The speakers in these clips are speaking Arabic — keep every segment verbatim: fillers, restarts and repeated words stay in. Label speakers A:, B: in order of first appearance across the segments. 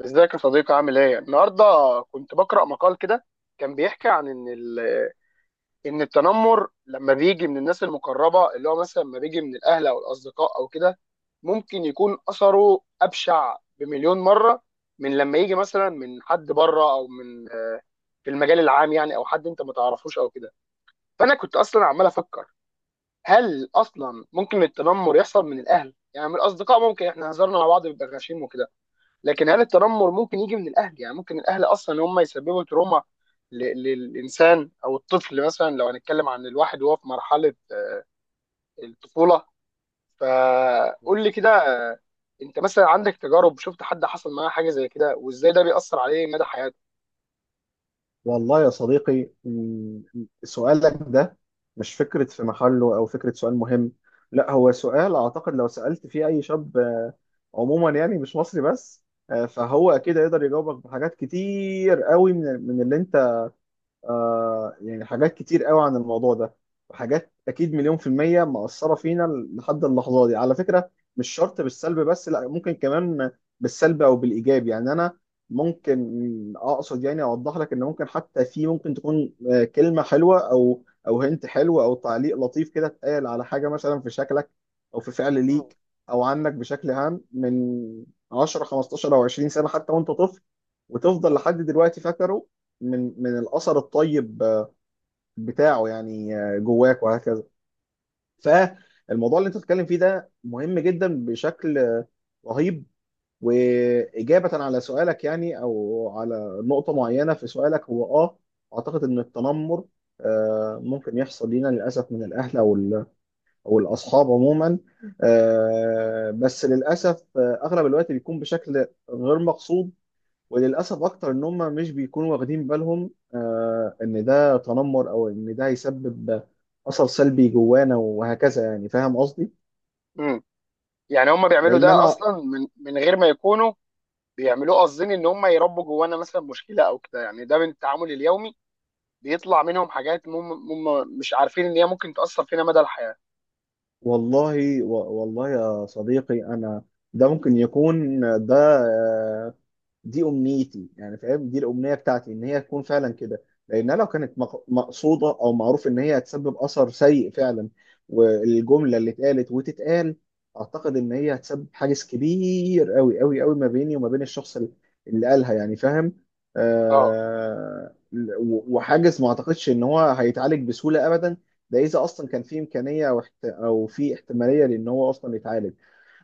A: ازيك يا صديقي؟ عامل ايه؟ النهارده كنت بقرأ مقال كده. كان بيحكي عن ان ال- ان التنمر لما بيجي من الناس المقربه، اللي هو مثلا لما بيجي من الاهل او الاصدقاء او كده، ممكن يكون اثره ابشع بمليون مره من لما يجي مثلا من حد بره، او من آه، في المجال العام يعني، او حد انت ما تعرفوش او كده. فانا كنت اصلا عمال افكر، هل اصلا ممكن التنمر يحصل من الاهل؟ يعني من الاصدقاء ممكن، احنا هزرنا مع بعض بيبقى غشيم وكده، لكن هل التنمر ممكن يجي من الاهل؟ يعني ممكن الاهل اصلا هم يسببوا تروما ل- للانسان او الطفل، مثلا لو هنتكلم عن الواحد وهو في مرحله آه، الطفوله. فقول لي كده، آه، انت مثلا عندك تجارب؟ شفت حد حصل معاه حاجه زي كده، وازاي ده بيأثر عليه مدى حياته؟
B: والله يا صديقي، م- سؤالك ده مش فكرة في محله أو فكرة سؤال مهم. لا، هو سؤال أعتقد لو سألت فيه أي شاب آه، عموما، يعني مش مصري بس، آه، فهو أكيد يقدر يجاوبك بحاجات كتير قوي من من اللي أنت آه يعني، حاجات كتير قوي عن الموضوع ده. وحاجات اكيد مليون في المية مأثرة فينا لحد اللحظة دي على فكرة. مش شرط بالسلب، بس لا، ممكن كمان بالسلب او بالايجاب. يعني انا ممكن اقصد يعني اوضح لك ان ممكن، حتى في ممكن تكون آه، كلمة حلوة او او هنت حلو او تعليق لطيف كده اتقال على حاجة مثلا في شكلك او في فعل
A: مم.
B: ليك او عنك بشكل عام من عشرة خمستاشر او عشرين سنة، حتى وانت طفل، وتفضل لحد دلوقتي فاكره من من الاثر الطيب آه، بتاعه يعني آه، جواك وهكذا. فالموضوع اللي انت بتتكلم فيه ده مهم جدا بشكل آه، رهيب. واجابه على سؤالك، يعني او على نقطه معينه في سؤالك، هو اه اعتقد ان التنمر آه، ممكن يحصل لينا للاسف من الاهل او ال- او الاصحاب عموما. آه، بس للاسف، آه، اغلب الوقت بيكون بشكل غير مقصود، وللاسف اكتر ان هم مش بيكونوا واخدين بالهم آه، ان ده تنمر او ان ده هيسبب اثر سلبي جوانا وهكذا، يعني فاهم قصدي.
A: مم. يعني هم بيعملوا
B: لان
A: ده
B: انا،
A: اصلا من من غير ما يكونوا بيعملوه قاصدين، ان هم يربوا جوانا مثلا مشكله او كده؟ يعني ده من التعامل اليومي بيطلع منهم حاجات هم هم مش عارفين ان هي ممكن تأثر فينا مدى الحياه؟
B: والله و- والله يا صديقي انا، ده ممكن يكون، ده دي امنيتي، يعني فاهم؟ دي الامنيه بتاعتي ان هي تكون فعلا كده. لانها لو كانت مق- مقصوده، او معروف ان هي هتسبب اثر سيء فعلا، والجمله اللي اتقالت وتتقال، اعتقد ان هي هتسبب حاجز كبير قوي قوي قوي ما بيني وما بين الشخص اللي اللي قالها، يعني فاهم؟
A: اه.
B: آه و- وحاجز ما اعتقدش ان هو هيتعالج بسهوله ابدا، ده اذا اصلا كان في امكانيه او احت- او في احتماليه لان هو اصلا يتعالج.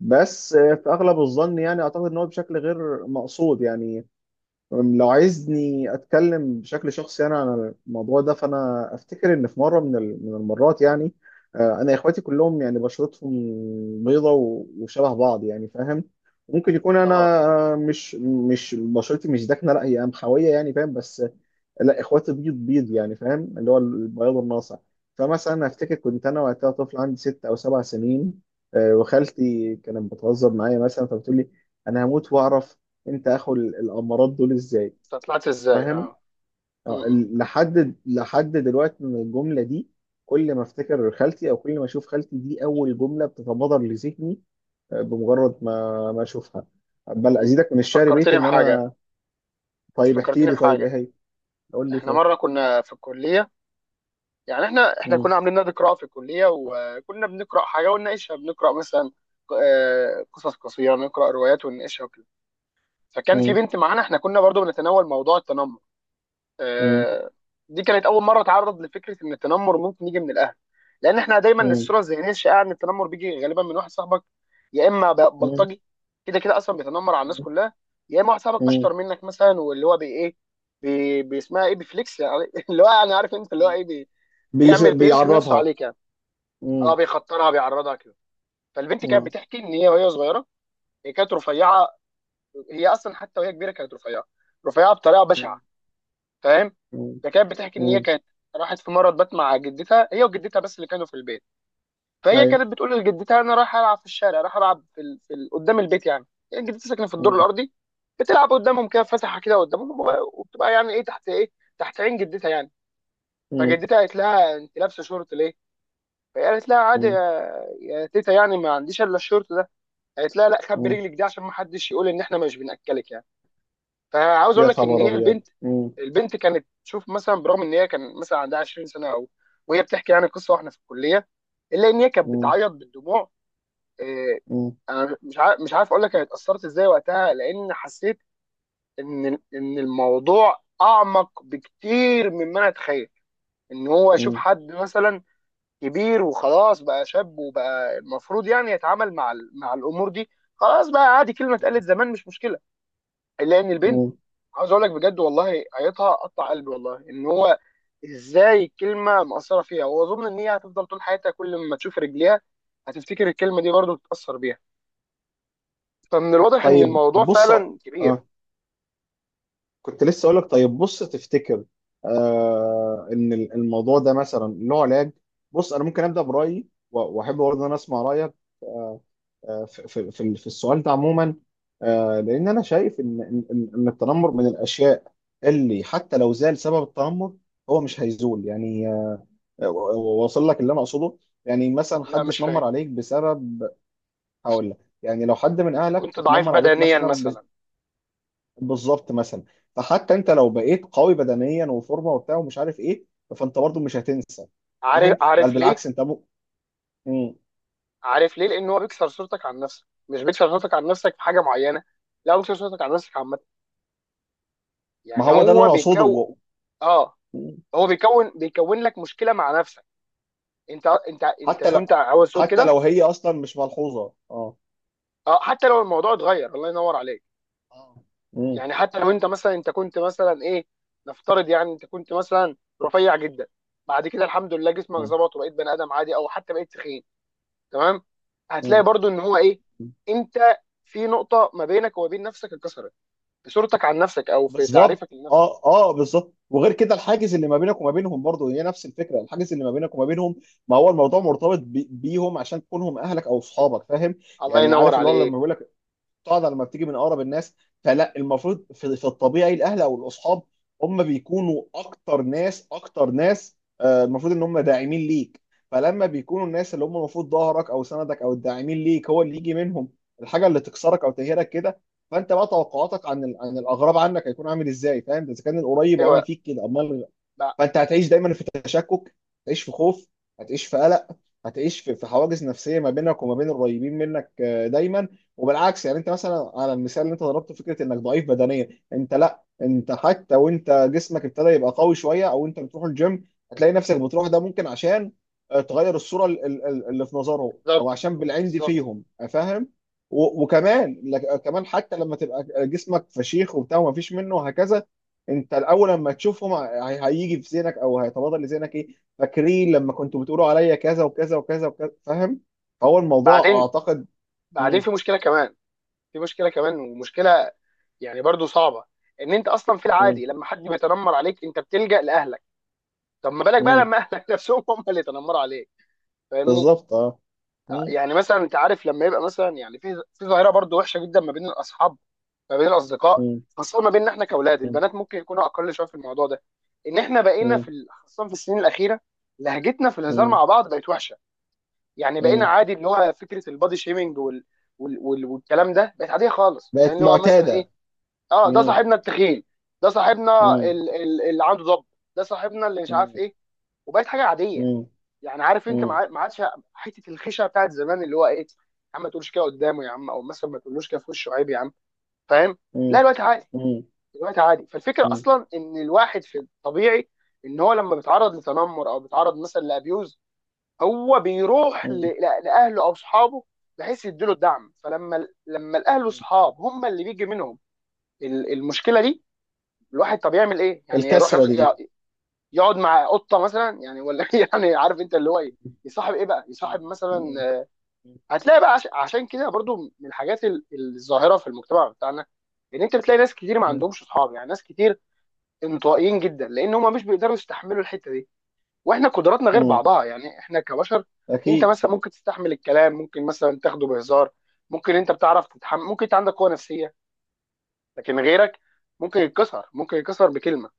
B: بس آه، في اغلب الظن، يعني اعتقد ان هو بشكل غير مقصود يعني. أم، لو عايزني اتكلم بشكل شخصي انا عن الموضوع ده، فانا افتكر ان في مره من ال- من المرات، يعني آه، انا اخواتي كلهم يعني بشرتهم بيضه، و- وشبه بعض يعني فاهم. ممكن يكون
A: اه.
B: انا آه، مش مش بشرتي مش داكنه، لا هي قمحويه يعني فاهم، بس لا اخواتي بيض بيض يعني فاهم، اللي هو البياض الناصع. فمثلا افتكر كنت انا وقتها طفل عندي ست او سبع سنين، آه، وخالتي كانت بتهزر معايا مثلا فبتقول لي: انا هموت واعرف انت اخو ال- الامارات دول ازاي.
A: انت طلعت ازاي؟
B: فاهم؟
A: اه. م-
B: اه،
A: م-
B: ال- لحد لحد دلوقتي من الجمله دي، كل ما افتكر خالتي او كل ما اشوف خالتي، دي اول جمله بتتبادر لذهني، اه، بمجرد ما ما اشوفها. بل
A: م.
B: ازيدك من
A: انت
B: الشعر بيت
A: فكرتني
B: ان
A: بحاجه.
B: انا.
A: انت
B: طيب احكي
A: فكرتني
B: لي طيب، ايه
A: بحاجه.
B: هي؟ قول لي
A: احنا
B: طيب.
A: مره كنا في الكليه، يعني احنا احنا
B: مم.
A: كنا عاملين نادي قراءه في الكليه، وكنا بنقرا حاجه ونناقشها. بنقرا مثلا ق- آه، قصص قصيره، نقرا روايات ونناقشها وكده. فكان في
B: مم.
A: بنت معانا، احنا كنا برضو بنتناول موضوع التنمر.
B: مم.
A: آه، دي كانت اول مره اتعرض لفكره ان التنمر ممكن يجي من الاهل، لان احنا دايما
B: مم.
A: الصوره الذهنيه الشائعه ان التنمر بيجي غالبا من واحد صاحبك، يا اما ب-
B: مم.
A: بلطجي كده كده اصلا بيتنمر على الناس
B: مم.
A: كلها، يا اما واحد صاحبك
B: مم.
A: اشطر منك مثلا، واللي هو بي ايه، بي بيسمها ايه، بيفليكس يعني، اللي هو يعني عارف انت اللي هو ايه، بي
B: بيش...
A: بيعمل بيرسم نفسه
B: بيعرضها.
A: عليك يعني.
B: مم.
A: اه، بيخطرها، بيعرضها كده. فالبنت كانت
B: مم.
A: بتحكي ان هي وهي صغيره، هي كانت رفيعه، هي اصلا حتى وهي كبيره كانت رفيعه، رفيعه بطريقه
B: مم.
A: بشعه، فاهم؟
B: مم.
A: فكانت بتحكي ان هي
B: مم.
A: كانت راحت في مره بات مع جدتها، هي وجدتها بس اللي كانوا في البيت. فهي
B: ايوه.
A: كانت بتقول لجدتها انا رايحه العب في الشارع، رايحه العب في, ال... في ال... قدام البيت يعني، يعني جدتها ساكنه في الدور
B: مم.
A: الارضي، بتلعب قدامهم كده، فاتحه كده قدامهم، وب- وبتبقى يعني ايه، تحت ايه، تحت عين جدتها يعني.
B: مم.
A: فجدتها قالت لها انت لابسه شورت ليه؟ فهي قالت لها عادي
B: مم.
A: يا يا تيتا، يعني ما عنديش الا الشورت ده. قالت لها لا خبي
B: مم.
A: رجلك دي، عشان ما حدش يقول ان احنا مش بناكلك يعني. فعاوز
B: يا
A: اقول لك ان
B: خبر
A: هي
B: ابيض.
A: البنت
B: مم.
A: البنت كانت تشوف مثلا، برغم ان هي كان مثلا عندها عشرين سنه، او وهي بتحكي يعني قصه واحنا في الكليه، الا ان هي كانت
B: مم.
A: بتعيط بالدموع. آه،
B: مم.
A: انا مش عارف مش عارف اقول لك انا اتاثرت ازاي وقتها، لان حسيت ان ان الموضوع اعمق بكتير مما انا اتخيل. ان هو يشوف
B: مم.
A: حد مثلا كبير وخلاص بقى شاب، وبقى المفروض يعني يتعامل مع ال- مع الامور دي، خلاص بقى عادي، كلمه اتقالت زمان مش مشكله، الا ان البنت،
B: مم.
A: عاوز اقول لك بجد والله قريتها قطع قلبي، والله ان هو ازاي الكلمه مأثره فيها، واظن ان هي هتفضل طول حياتها كل ما تشوف رجليها هتفتكر الكلمه دي، برضه تتأثر بيها. فمن الواضح ان
B: طيب
A: الموضوع
B: بص،
A: فعلا كبير.
B: آه. كنت لسه اقول لك: طيب بص، تفتكر آه ان ال- الموضوع ده مثلا له علاج؟ بص انا ممكن ابدا برايي و- واحب برضه ان انا اسمع رايك آه في في في في السؤال ده عموما. آه لان انا شايف ان ان ان إن التنمر من الاشياء اللي حتى لو زال سبب التنمر، هو مش هيزول، يعني آه، و- و- واصل لك اللي انا اقصده. يعني مثلا
A: لا،
B: حد
A: مش فاهم.
B: اتنمر عليك بسبب، هقول لك، يعني لو حد من
A: انت
B: اهلك
A: كنت ضعيف
B: اتنمر عليك
A: بدنيا
B: مثلا ب-
A: مثلا؟
B: بالظبط مثلا. فحتى انت لو بقيت قوي بدنيا وفورمه وبتاع ومش عارف ايه، فانت برضو مش هتنسى.
A: عارف
B: فاهم؟ بل
A: عارف ليه
B: بالعكس انت م... مم.
A: عارف ليه؟ لان هو بيكسر صورتك عن نفسك، مش بيكسر صورتك عن نفسك في حاجه معينه، لا، هو بيكسر صورتك عن نفسك عامه،
B: ما
A: يعني
B: هو ده اللي
A: هو
B: انا اقصده
A: بيكون
B: و...
A: اه
B: مم.
A: هو بيكون بيكون لك مشكله مع نفسك. انت انت انت
B: حتى لو،
A: كنت عاوز تقول
B: حتى
A: كده.
B: لو هي اصلا مش ملحوظه. اه.
A: اه، حتى لو الموضوع اتغير، الله ينور عليك.
B: اه. مم.
A: يعني حتى لو انت مثلا، انت كنت مثلا ايه، نفترض يعني انت كنت مثلا رفيع جدا، بعد كده الحمد لله جسمك
B: مم.
A: ظبط وبقيت بني ادم عادي، او حتى بقيت تخين، تمام، هتلاقي برضو ان هو ايه،
B: مم.
A: انت في نقطة ما بينك وما بين نفسك اتكسرت، في صورتك عن نفسك او في
B: بالظبط.
A: تعريفك لنفسك.
B: اه اه بالظبط. وغير كده الحاجز اللي ما بينك وما بينهم، برضه هي نفس الفكره، الحاجز اللي ما بينك وما بينهم، ما هو الموضوع مرتبط بي- بيهم عشان تكونهم اهلك او اصحابك، فاهم؟
A: الله
B: يعني
A: ينور
B: عارف اللي هو لما
A: عليك.
B: بيقول لك: قاعده لما بتيجي من اقرب الناس. فلا، المفروض في, في الطبيعي الاهل او الاصحاب هم بيكونوا اكتر ناس اكتر ناس آه، المفروض ان هم داعمين ليك. فلما بيكونوا الناس اللي هم المفروض ظهرك او سندك او الداعمين ليك هو اللي يجي منهم الحاجه اللي تكسرك او تهيرك كده، فانت بقى توقعاتك عن ال- عن الاغراب عنك هيكون عامل ازاي، فاهم؟ اذا كان القريب عمل
A: ايوه،
B: فيك كده، امال.
A: بع-
B: فانت هتعيش دايما في تشكك، هتعيش في خوف، هتعيش في قلق، هتعيش في في حواجز نفسيه ما بينك وما بين القريبين منك آه، دايما. وبالعكس، يعني انت مثلا على المثال اللي انت ضربته، فكره انك ضعيف بدنيا، انت لا، انت حتى وانت جسمك ابتدى يبقى قوي شويه او انت بتروح الجيم، هتلاقي نفسك بتروح ده ممكن عشان آه، تغير الصوره ال- ال- ال- اللي في نظرهم، او
A: بالظبط،
B: عشان بالعين دي
A: بالظبط.
B: فيهم، آه، فاهم؟ و- وكمان لك- آه، كمان حتى لما تبقى جسمك فشيخ وبتاع وما فيش منه وهكذا، انت الاول لما تشوفهم هي- هيجي في ذهنك او هيتبادر لذهنك ايه: فاكرين لما كنتوا بتقولوا عليا كذا وكذا وكذا وكذا، فاهم؟ فهو الموضوع
A: بعدين،
B: اعتقد.
A: بعدين
B: مم.
A: في مشكلة كمان، في مشكله كمان، ومشكله يعني برضو صعبه، ان انت اصلا في
B: مم.
A: العادي لما حد بيتنمر عليك انت بتلجأ لاهلك. طب ما بالك بقى
B: مم.
A: لما اهلك نفسهم هم اللي يتنمروا عليك؟ فاهمني؟
B: بالظبط اه.
A: آه،
B: مم.
A: يعني مثلا انت عارف لما يبقى مثلا، يعني في في ظاهره برضو وحشه جدا ما بين الاصحاب، ما بين الاصدقاء،
B: مم.
A: خاصه ما بيننا احنا كاولاد،
B: مم.
A: البنات ممكن يكونوا اقل شويه في الموضوع ده، ان احنا بقينا في
B: مم.
A: ال- خاصه في السنين الاخيره لهجتنا في الهزار
B: مم.
A: مع بعض بقت وحشه. يعني بقينا
B: مم.
A: عادي اللي هو فكره البادي شيمينج وال... وال... وال... والكلام ده، بقت عاديه خالص، يعني
B: بقت
A: اللي هو مثلا
B: معتاده.
A: ايه؟ اه، ده
B: مم.
A: صاحبنا التخين، ده صاحبنا
B: مم.
A: ال- ال- اللي عنده ضب، ده صاحبنا اللي مش عارف
B: مم.
A: ايه، وبقت حاجه عاديه.
B: مم.
A: يعني عارف انت، ما
B: مم.
A: عاد- ما عادش حته الخشعه بتاعت زمان، اللي هو ايه يا عم، ما تقولش كده قدامه يا عم، او مثلا ما تقولوش كده في وشه، عيب يا عم، فاهم؟ لا،
B: مم.
A: الوقت عادي،
B: مم.
A: الوقت عادي. فالفكره
B: مم.
A: اصلا ان الواحد في الطبيعي، ان هو لما بيتعرض لتنمر، او بيتعرض مثلا لابيوز، هو بيروح ل-
B: مم.
A: ل- لاهله او اصحابه، بحيث يديله الدعم. فلما لما الاهل واصحاب هم اللي بيجي منهم ال- المشكله دي، الواحد طب يعمل ايه؟ يعني يروح
B: الكسره دي.
A: ي- يقعد مع قطه مثلا يعني؟ ولا يعني عارف انت اللي هو ايه، يصاحب ايه بقى، يصاحب
B: مم. مم.
A: مثلا. هتلاقي بقى عش- عشان كده برضو من الحاجات ال- الظاهره في المجتمع بتاعنا، ان انت بتلاقي ناس كتير ما
B: مم.
A: عندهمش اصحاب، يعني ناس كتير انطوائيين جدا، لان هم مش بيقدروا يستحملوا الحته دي. واحنا قدراتنا غير
B: مم.
A: بعضها يعني، احنا كبشر، انت
B: اكيد.
A: مثلا ممكن تستحمل الكلام، ممكن مثلا تاخده بهزار، ممكن انت بتعرف تتحمل، ممكن انت عندك قوه نفسيه، لكن غيرك ممكن يتكسر، ممكن يتكسر بكلمه.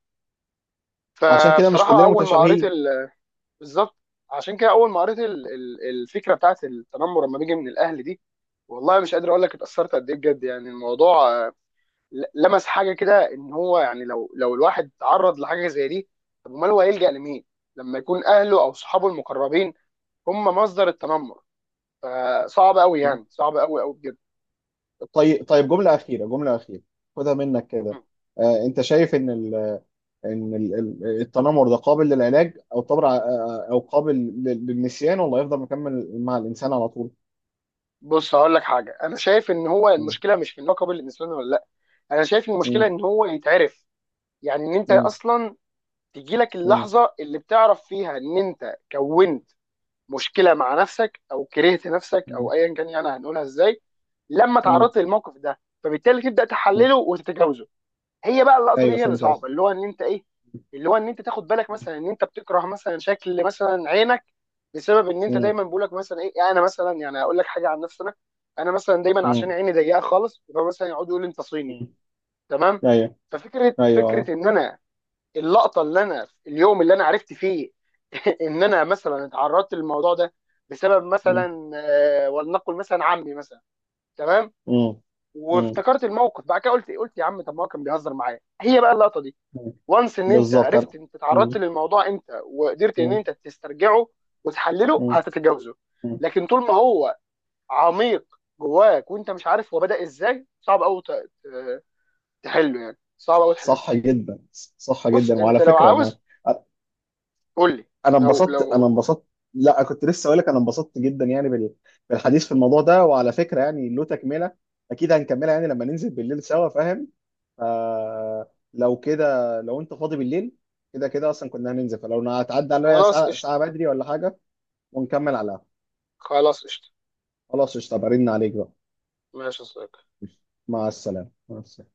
B: عشان كده مش
A: فبصراحه،
B: كلنا
A: اول ما قريت
B: متشابهين.
A: ال- بالظبط، عشان كده اول ما قريت ال- ال- الفكره بتاعت التنمر لما بيجي من الاهل دي، والله مش قادر اقول لك اتاثرت قد ايه بجد، يعني الموضوع آه، ل- لمس حاجه كده، ان هو يعني، لو لو الواحد تعرض لحاجه زي دي، طب امال هو هيلجأ لمين؟ لما يكون اهله او صحابه المقربين هم مصدر التنمر؟ فصعب قوي، يعني صعب قوي قوي بجد.
B: طيب، طيب، جملة أخيرة، جملة أخيرة، خدها منك كده.
A: مم.
B: آه، أنت شايف إن ال إن ال ال- التنمر ده قابل للعلاج أو طبعا آه، آه، أو قابل لل- للنسيان، ولا يفضل مكمل مع الإنسان على طول؟
A: بص، هقول لك حاجه. انا شايف ان هو
B: مم.
A: المشكله مش في اللقب اللي بيلبسونه، ولا لا، انا شايف إن المشكله
B: مم.
A: ان هو يتعرف، يعني ان انت
B: مم.
A: اصلا تجيلك
B: مم.
A: اللحظه اللي بتعرف فيها ان انت كونت مشكله مع نفسك، او كرهت نفسك،
B: مم.
A: او ايا كان يعني هنقولها ازاي، لما
B: مم.
A: تعرضت للموقف ده، فبالتالي تبدا
B: مم.
A: تحلله وتتجاوزه. هي بقى اللقطه دي
B: أيوه،
A: هي اللي
B: فهمت قصدك.
A: صعبه، اللي هو ان انت ايه، اللي هو ان انت تاخد بالك مثلا ان انت بتكره مثلا شكل مثلا عينك، بسبب ان انت
B: مم.
A: دايما بقولك مثلا ايه، يعني انا مثلا يعني اقول لك حاجه عن نفسي انا، انا مثلا دايما عشان
B: مم.
A: عيني ضيقه خالص، فمثلا يقعدوا يقولوا انت صيني،
B: مم.
A: تمام؟
B: أيوه.
A: ففكره
B: أيوه
A: فكره
B: آه.
A: ان انا، اللقطه اللي انا اليوم اللي انا عرفت فيه ان انا مثلا اتعرضت للموضوع ده بسبب
B: مم.
A: مثلا آه، ولنقل مثلا عمي مثلا، تمام،
B: مم. مم.
A: وافتكرت الموقف بعد كده، قلت قلت يا عم طب ما هو كان بيهزر معايا، هي بقى اللقطه دي،
B: مم.
A: وانس. ان انت
B: بالظبط أنا.
A: عرفت انت اتعرضت
B: مم.
A: للموضوع امتى، وقدرت ان
B: مم.
A: انت تسترجعه وتحلله،
B: مم.
A: هتتجاوزه.
B: مم.
A: لكن طول ما هو عميق جواك، وانت مش عارف هو بدأ ازاي، صعب قوي تحله، يعني صعب قوي تحله.
B: صح جدا. صح
A: بص
B: جدا، وعلى
A: انت لو
B: فكرة أنا،
A: عاوز، قول لي،
B: انا
A: لو
B: انبسطت، انا
A: لو
B: انبسطت. لا، كنت لسه اقول لك انا انبسطت جدا يعني بال- بالحديث في الموضوع ده. وعلى فكره يعني له تكمله، اكيد هنكملها يعني لما ننزل بالليل سوا، فاهم؟ فلو كده، لو انت فاضي بالليل، كده كده اصلا كنا هننزل، فلو هتعدي عليا
A: خلاص
B: ساعه
A: قشطة،
B: ساعه بدري ولا حاجه، ونكمل على القهوة.
A: خلاص قشطة،
B: خلاص قشطه، برن عليك بقى.
A: ماشي يا صديقي.
B: مع السلامه، مع السلامه.